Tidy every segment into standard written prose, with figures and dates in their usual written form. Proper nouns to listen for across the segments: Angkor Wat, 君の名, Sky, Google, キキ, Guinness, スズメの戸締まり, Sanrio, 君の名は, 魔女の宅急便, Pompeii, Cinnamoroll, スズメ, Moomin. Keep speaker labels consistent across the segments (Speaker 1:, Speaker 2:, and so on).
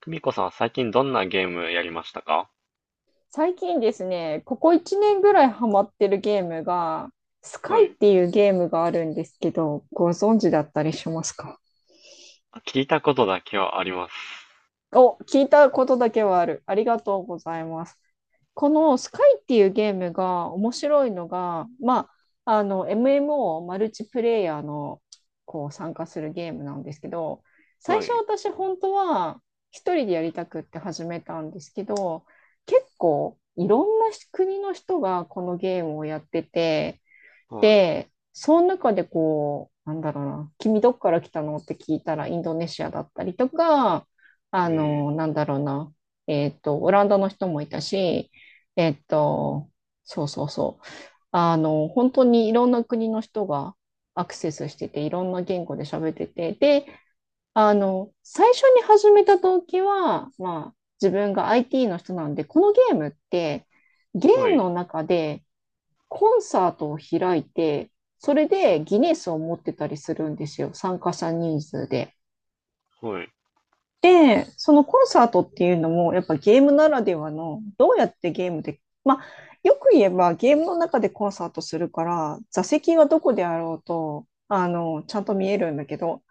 Speaker 1: 久美子さんは最近どんなゲームやりましたか？
Speaker 2: 最近ですね、ここ1年ぐらいハマってるゲームが、スカ
Speaker 1: は
Speaker 2: イっ
Speaker 1: い。
Speaker 2: ていうゲームがあるんですけど、ご存知だったりしますか？
Speaker 1: あ、聞いたことだけはあります。
Speaker 2: お、聞いたことだけはある。ありがとうございます。このスカイっていうゲームが面白いのが、MMO マルチプレイヤーのこう参加するゲームなんですけど、最
Speaker 1: は
Speaker 2: 初
Speaker 1: い。
Speaker 2: 私本当は一人でやりたくって始めたんですけど、結構いろんな国の人がこのゲームをやってて、
Speaker 1: はい。
Speaker 2: で、その中でこう、なんだろうな、君どっから来たのって聞いたらインドネシアだったりとか、あ
Speaker 1: ええ。
Speaker 2: の、なんだろうな、えっと、オランダの人もいたし、えっと、そうそうそう。本当にいろんな国の人がアクセスしてて、いろんな言語で喋ってて、で、最初に始めた時は、自分が IT の人なんで、このゲームって、ゲ
Speaker 1: は
Speaker 2: ーム
Speaker 1: い。
Speaker 2: の中でコンサートを開いて、それでギネスを持ってたりするんですよ、参加者人数で。
Speaker 1: はい。
Speaker 2: で、そのコンサートっていうのも、やっぱゲームならではの、どうやってゲームで、よく言えばゲームの中でコンサートするから、座席はどこであろうと、ちゃんと見えるんだけど、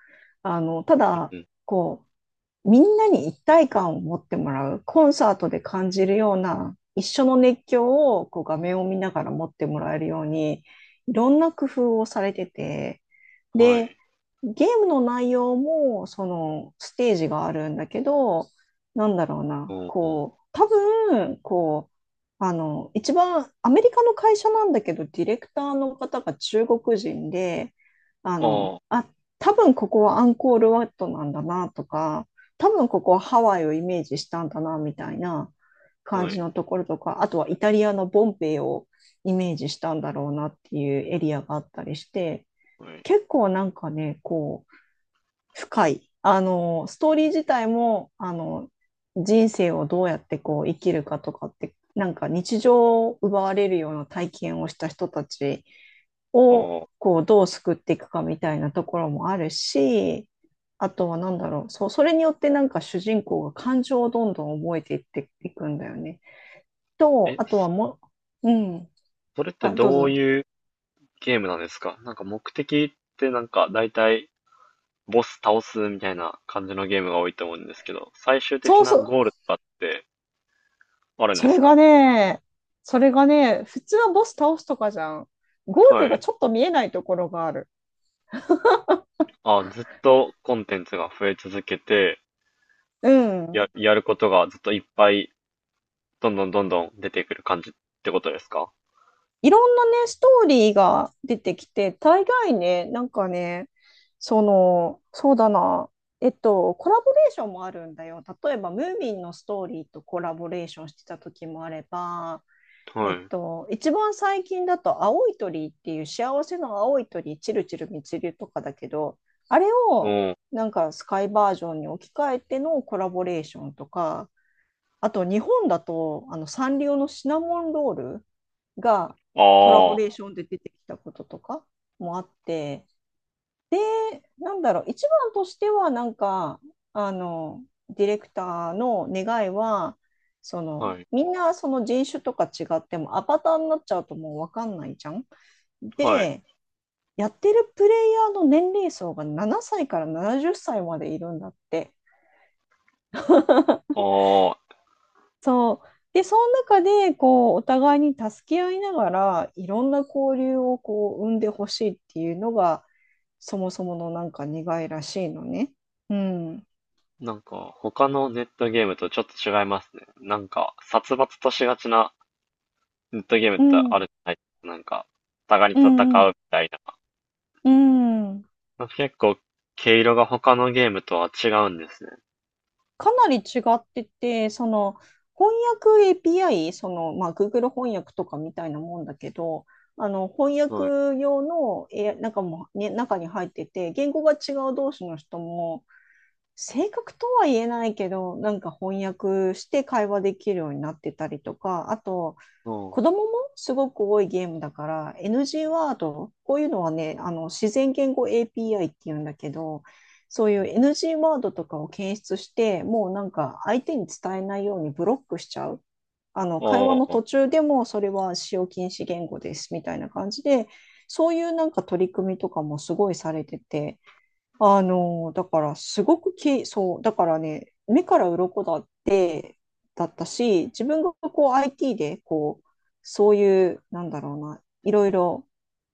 Speaker 2: た
Speaker 1: う
Speaker 2: だ、
Speaker 1: ん。
Speaker 2: こう、みんなに一体感を持ってもらう、コンサートで感じるような、一緒の熱狂をこう画面を見ながら持ってもらえるように、いろんな工夫をされてて、
Speaker 1: は
Speaker 2: で、
Speaker 1: い。
Speaker 2: ゲームの内容も、その、ステージがあるんだけど、なんだろうな、
Speaker 1: おお。
Speaker 2: こう、多分、こう、一番アメリカの会社なんだけど、ディレクターの方が中国人で、あの、
Speaker 1: あ
Speaker 2: あ、多分ここはアンコールワットなんだなとか、多分ここはハワイをイメージしたんだな、みたいな
Speaker 1: あ。
Speaker 2: 感
Speaker 1: は
Speaker 2: じ
Speaker 1: い。
Speaker 2: のところとか、あとはイタリアのボンペイをイメージしたんだろうなっていうエリアがあったりして、
Speaker 1: はい。
Speaker 2: 結構なんかね、こう、深い。ストーリー自体も、人生をどうやってこう生きるかとかって、なんか日常を奪われるような体験をした人たち
Speaker 1: あ
Speaker 2: を
Speaker 1: あ。
Speaker 2: こうどう救っていくかみたいなところもあるし、あとは何だろう、そう、それによってなんか主人公が感情をどんどん覚えていっていくんだよね。と、
Speaker 1: え、
Speaker 2: あとはもう、うん、
Speaker 1: それって
Speaker 2: あ、どう
Speaker 1: どう
Speaker 2: ぞ。
Speaker 1: いうゲームなんですか？なんか目的って、なんか大体ボス倒すみたいな感じのゲームが多いと思うんですけど、最終
Speaker 2: そ
Speaker 1: 的
Speaker 2: う
Speaker 1: な
Speaker 2: そう、
Speaker 1: ゴールとかってあるんで
Speaker 2: そ
Speaker 1: す
Speaker 2: れが
Speaker 1: か？
Speaker 2: ね、それがね、普通はボス倒すとかじゃん。ゴー
Speaker 1: は
Speaker 2: ルが
Speaker 1: い。
Speaker 2: ちょっと見えないところがある。
Speaker 1: あ、ずっとコンテンツが増え続けて、
Speaker 2: う
Speaker 1: や、
Speaker 2: ん。
Speaker 1: やることがずっといっぱいどんどんどんどん出てくる感じってことですか？
Speaker 2: いろんなね、ストーリーが出てきて、大概ね、なんかね、その、そうだな、コラボレーションもあるんだよ。例えば、ムーミンのストーリーとコラボレーションしてた時もあれば、
Speaker 1: はい。
Speaker 2: 一番最近だと、青い鳥っていう幸せの青い鳥、チルチルミちるとかだけど、あれを
Speaker 1: おー。
Speaker 2: なんかスカイバージョンに置き換えてのコラボレーションとか、あと日本だと、あのサンリオのシナモンロールがコラボ
Speaker 1: あ
Speaker 2: レーションで出てきたこととかもあって、なんだろう、一番としてはなんか、あの、ディレクターの願いは、そ
Speaker 1: あ。
Speaker 2: の
Speaker 1: はい。
Speaker 2: みんなその人種とか違ってもアバターになっちゃうともう分かんないじゃん。
Speaker 1: はい。
Speaker 2: で、やってるプレイヤーの年齢層が7歳から70歳までいるんだって。
Speaker 1: ああ。
Speaker 2: そう。で、その中で、こう、お互いに助け合いながら、いろんな交流をこう、生んでほしいっていうのが、そもそものなんか願いらしいのね。うん。
Speaker 1: なんか、他のネットゲームとちょっと違いますね。なんか、殺伐としがちなネットゲームっ
Speaker 2: う
Speaker 1: て
Speaker 2: ん。
Speaker 1: あるじゃないですか。なんか、お互いに
Speaker 2: う
Speaker 1: 戦
Speaker 2: ん。う
Speaker 1: う
Speaker 2: ん。
Speaker 1: みたい
Speaker 2: うん。
Speaker 1: な。結構、毛色が他のゲームとは違うんですね。
Speaker 2: かなり違ってて、その、翻訳 API、その、Google 翻訳とかみたいなもんだけど、翻訳
Speaker 1: はい。
Speaker 2: 用の、なんかも、ね、中に入ってて、言語が違う同士の人も、正確とは言えないけど、なんか翻訳して会話できるようになってたりとか、あと、
Speaker 1: お
Speaker 2: 子供
Speaker 1: ー。
Speaker 2: もすごく多いゲームだから、NG ワード、こういうのはね、自然言語 API っていうんだけど、そうい
Speaker 1: う
Speaker 2: う
Speaker 1: ん。
Speaker 2: NG ワードとかを検出して、もうなんか相手に伝えないようにブロックしちゃう。会話の
Speaker 1: あ
Speaker 2: 途中でもそれは使用禁止言語ですみたいな感じで、そういうなんか取り組みとかもすごいされてて、あの、だからすごくき、そう、だからね、目から鱗だって、だったし、自分がこう IT で、こう、そういう、なんだろうな、いろいろ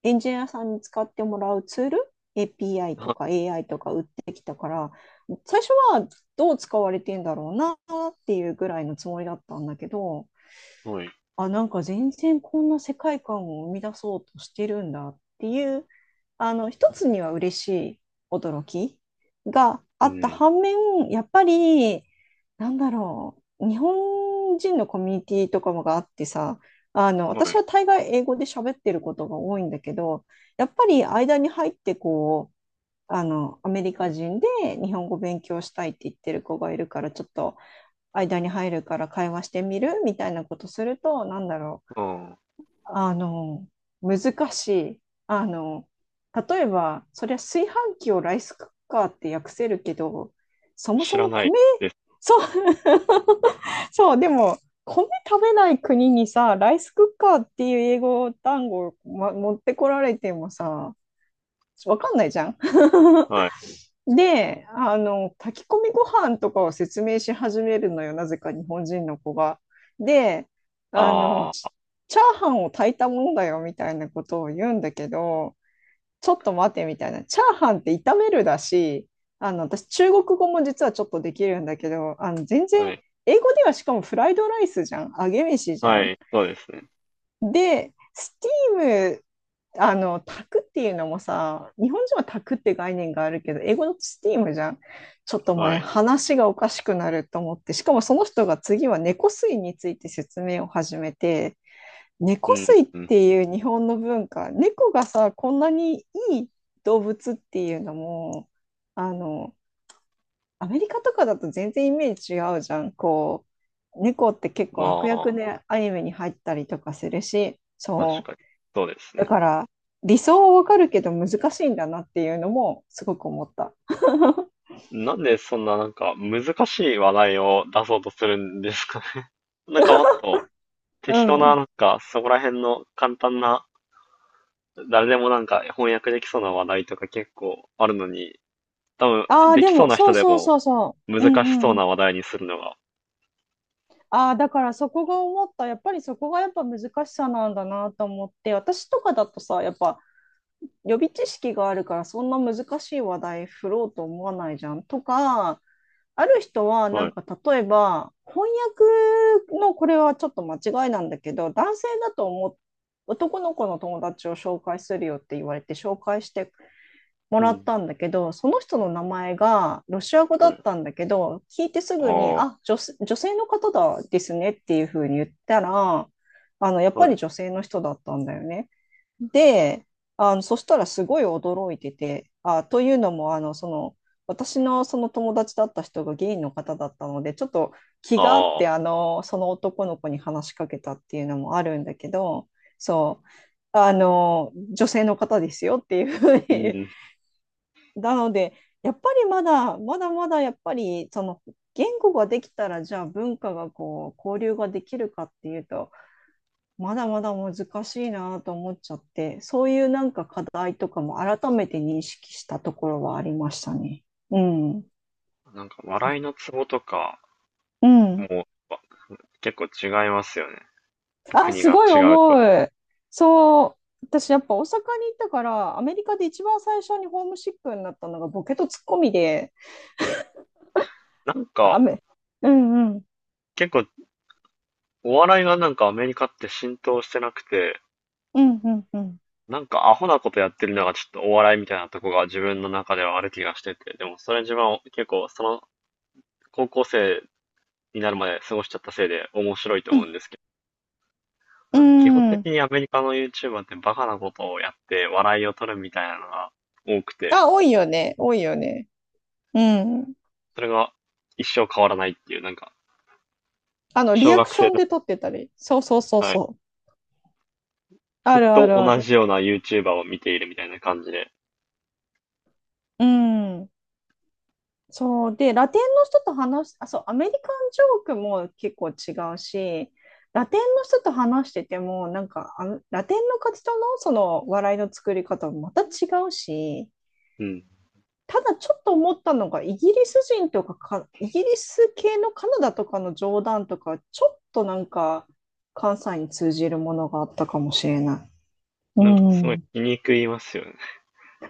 Speaker 2: エンジニアさんに使ってもらうツール、API とか
Speaker 1: あ。
Speaker 2: AI とか売ってきたから、最初はどう使われてんだろうなっていうぐらいのつもりだったんだけど、
Speaker 1: はい。
Speaker 2: あ、なんか全然こんな世界観を生み出そうとしてるんだっていう、一つには嬉しい驚きが
Speaker 1: う
Speaker 2: あった
Speaker 1: ん。
Speaker 2: 反面、やっぱり、なんだろう、日本人のコミュニティとかもがあってさ、
Speaker 1: は
Speaker 2: 私
Speaker 1: い。
Speaker 2: は大概英語で喋ってることが多いんだけど、やっぱり間に入ってこう、アメリカ人で日本語勉強したいって言ってる子がいるから、ちょっと間に入るから会話してみるみたいなことすると、なんだろう、
Speaker 1: うん。
Speaker 2: あの、難しい。あの、例えば、そりゃ炊飯器をライスクッカーって訳せるけど、そも
Speaker 1: 知
Speaker 2: そ
Speaker 1: ら
Speaker 2: も
Speaker 1: ない
Speaker 2: 米、
Speaker 1: です。
Speaker 2: そう、そう、でも、米食べない国にさ、ライスクッカーっていう英語単語を、持ってこられてもさ、わかんないじゃん。
Speaker 1: はい。
Speaker 2: で、炊き込みご飯とかを説明し始めるのよ、なぜか日本人の子が。で、あの、チ
Speaker 1: あ
Speaker 2: チャーハンを炊いたものだよみたいなことを言うんだけど、ちょっと待てみたいな。チャーハンって炒めるだし、私、中国語も実はちょっとできるんだけど、全
Speaker 1: あ。は
Speaker 2: 然、
Speaker 1: い。
Speaker 2: 英語ではしかもフライドライスじゃん。揚げ飯じゃ
Speaker 1: は
Speaker 2: ん。
Speaker 1: い。そうですね。
Speaker 2: で、スティーム、炊くっていうのもさ、日本人は炊くって概念があるけど、英語のスティームじゃん。ちょっともう
Speaker 1: は
Speaker 2: ね、
Speaker 1: い。
Speaker 2: 話がおかしくなると思って、しかもその人が次は猫吸いについて説明を始めて、
Speaker 1: う
Speaker 2: 猫吸
Speaker 1: ん、
Speaker 2: いっ
Speaker 1: うん。
Speaker 2: ていう日本の文化、猫がさ、こんなにいい動物っていうのも、あの、アメリカとかだと全然イメージ違うじゃん。こう、猫って結構
Speaker 1: ま
Speaker 2: 悪役
Speaker 1: あ、
Speaker 2: でアニメに入ったりとかするし、
Speaker 1: 確
Speaker 2: そ
Speaker 1: かに。
Speaker 2: う。
Speaker 1: そうです
Speaker 2: だ
Speaker 1: ね。
Speaker 2: から、理想はわかるけど難しいんだなっていうのもすごく思った。
Speaker 1: なんでそんななんか難しい話題を出そうとするんですかね？ なんかもっと
Speaker 2: う
Speaker 1: 適当な、
Speaker 2: ん。
Speaker 1: なんかそこら辺の簡単な、誰でもなんか翻訳できそうな話題とか結構あるのに、多分
Speaker 2: ああ、
Speaker 1: で
Speaker 2: で
Speaker 1: きそう
Speaker 2: も、
Speaker 1: な
Speaker 2: そ
Speaker 1: 人
Speaker 2: う
Speaker 1: で
Speaker 2: そう
Speaker 1: も
Speaker 2: そうそう。う
Speaker 1: 難
Speaker 2: んう
Speaker 1: しそう
Speaker 2: んうん。
Speaker 1: な話題にするのが。
Speaker 2: ああ、だからそこが思った、やっぱりそこがやっぱ難しさなんだなと思って、私とかだとさ、やっぱ予備知識があるからそんな難しい話題振ろうと思わないじゃん。とか、ある人はな
Speaker 1: は
Speaker 2: ん
Speaker 1: い。
Speaker 2: か例えば翻訳のこれはちょっと間違いなんだけど、男性だと思う男の子の友達を紹介するよって言われて紹介しても
Speaker 1: う
Speaker 2: らっ
Speaker 1: ん。
Speaker 2: たんだけど、その人の名前がロシア語だ
Speaker 1: は
Speaker 2: っ
Speaker 1: い。
Speaker 2: たんだけど、聞いてすぐに、
Speaker 1: あ
Speaker 2: あ、女性の方だですねっていうふうに言ったら、やっ
Speaker 1: あ。
Speaker 2: ぱ
Speaker 1: はい。
Speaker 2: り女性の人だったんだよね。で、そしたらすごい驚いてて、あ、というのも、私のその友達だった人がゲイの方だったので、ちょっと気
Speaker 1: あ
Speaker 2: があっ
Speaker 1: あ。
Speaker 2: て、その男の子に話しかけたっていうのもあるんだけど、そう。女性の方ですよっていうふう
Speaker 1: う
Speaker 2: に。
Speaker 1: ん。
Speaker 2: なので、やっぱりまだまだやっぱり、その言語ができたら、じゃあ文化がこう、交流ができるかっていうと、まだまだ難しいなと思っちゃって、そういうなんか課題とかも改めて認識したところはありましたね。うん。
Speaker 1: なんか笑いのツボとか
Speaker 2: うん。
Speaker 1: も結構違いますよね。
Speaker 2: あ、
Speaker 1: 国
Speaker 2: す
Speaker 1: が
Speaker 2: ごい
Speaker 1: 違うと。
Speaker 2: 重い。そう。私やっぱ大阪に行ったから、アメリカで一番最初にホームシックになったのがボケとツッコミで、
Speaker 1: なん
Speaker 2: あ
Speaker 1: か、
Speaker 2: 雨。うんうん。
Speaker 1: 結構、お笑いがなんかアメリカって浸透してなくて、
Speaker 2: うんうんうん。
Speaker 1: なんかアホなことやってるのがちょっとお笑いみたいなとこが自分の中ではある気がしてて、でもそれ自分は結構その高校生になるまで過ごしちゃったせいで面白いと
Speaker 2: う
Speaker 1: 思うん
Speaker 2: ん。
Speaker 1: ですけど、
Speaker 2: う
Speaker 1: なんか基本的
Speaker 2: ん、
Speaker 1: にアメリカの YouTuber ってバカなことをやって笑いを取るみたいなのが多くて、
Speaker 2: あ、多いよね。多いよね。うん。
Speaker 1: それが一生変わらないっていう、なんか
Speaker 2: リ
Speaker 1: 小
Speaker 2: アク
Speaker 1: 学
Speaker 2: シ
Speaker 1: 生
Speaker 2: ョン
Speaker 1: の、
Speaker 2: で撮ってたり。そうそうそう
Speaker 1: はい、
Speaker 2: そう。あ
Speaker 1: ずっ
Speaker 2: るあ
Speaker 1: と
Speaker 2: るあ
Speaker 1: 同
Speaker 2: る。
Speaker 1: じような YouTuber を見ているみたいな感じで、
Speaker 2: うん。そう。で、ラテンの人と話し、あ、そう、アメリカンジョークも結構違うし、ラテンの人と話してても、なんか、ラテンの活動のその笑いの作り方もまた違うし、
Speaker 1: うん、
Speaker 2: ただちょっと思ったのが、イギリス系のカナダとかの冗談とか、ちょっとなんか、関西に通じるものがあったかもしれない。う
Speaker 1: なんかすごい
Speaker 2: ん。
Speaker 1: 気に食いますよね。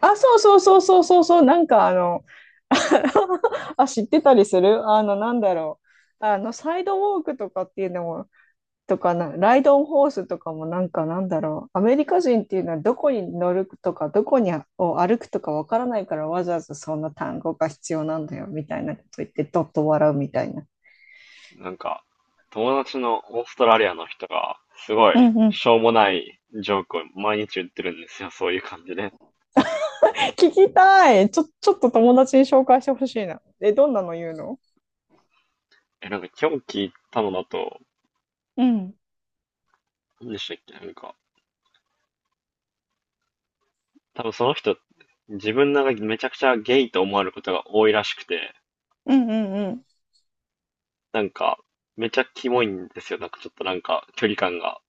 Speaker 2: あ、そうそうそうそうそうそう、あ、知ってたりするあの、なんだろう。サイドウォークとかっていうのも、とかな、ライドオンホースとかもなんかなんだろう。アメリカ人っていうのはどこに乗るとか、どこにあを歩くとかわからないからわざわざそんな単語が必要なんだよみたいなこと言ってどっと笑うみたいな。
Speaker 1: なんか、友達のオーストラリアの人が、すごい、
Speaker 2: うんうん。
Speaker 1: しょうもないジョークを毎日言ってるんですよ、そういう感じで。
Speaker 2: 聞きたい。ちょっと友達に紹介してほしいな。え、どんなの言うの？
Speaker 1: え、なんか今日聞いたのだと、
Speaker 2: うん。
Speaker 1: 何でしたっけ、なんか、多分その人、自分なんかめちゃくちゃゲイと思われることが多いらしくて、
Speaker 2: うんうんうん。
Speaker 1: なんか、めちゃキモいんですよ、なんかちょっとなんか、距離感が。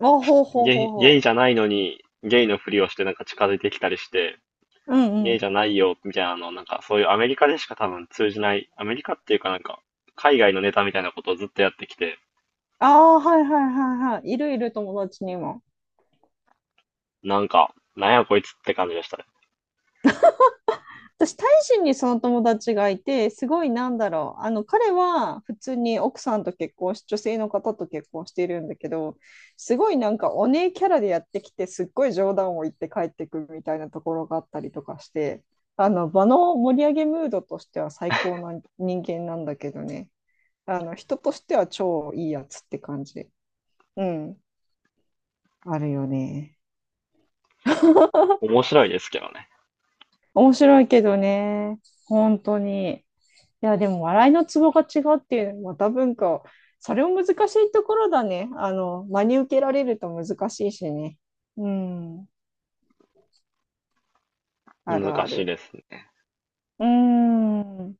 Speaker 2: あ、ほうほう
Speaker 1: ゲ
Speaker 2: ほう
Speaker 1: イ、
Speaker 2: ほ
Speaker 1: ゲイじ
Speaker 2: う。
Speaker 1: ゃないのに、ゲイのふりをしてなんか近づいてきたりして、
Speaker 2: うんう
Speaker 1: 家じ
Speaker 2: ん。
Speaker 1: ゃないよ、みたいなの、なんかそういうアメリカでしか多分通じない、アメリカっていうか、なんか、海外のネタみたいなことをずっとやってきて、
Speaker 2: ああ、はいはいはいはい。いるいる友達にも。
Speaker 1: なんか、なんやこいつって感じでしたね。
Speaker 2: 私、タイ人にその友達がいて、すごいなんだろう。彼は普通に奥さんと結婚し、女性の方と結婚しているんだけど、すごいなんかお姉キャラでやってきて、すっごい冗談を言って帰ってくるみたいなところがあったりとかして、場の盛り上げムードとしては最高な人間なんだけどね。人としては超いいやつって感じ。うん。あるよね。
Speaker 1: 面白いですけどね。
Speaker 2: 面白いけどね、本当に。いや、でも笑いのツボが違うっていうのはまた文化、それも難しいところだね。真に受けられると難しいしね。うん、あ
Speaker 1: 難
Speaker 2: るあ
Speaker 1: しい
Speaker 2: る。
Speaker 1: ですね。
Speaker 2: うん。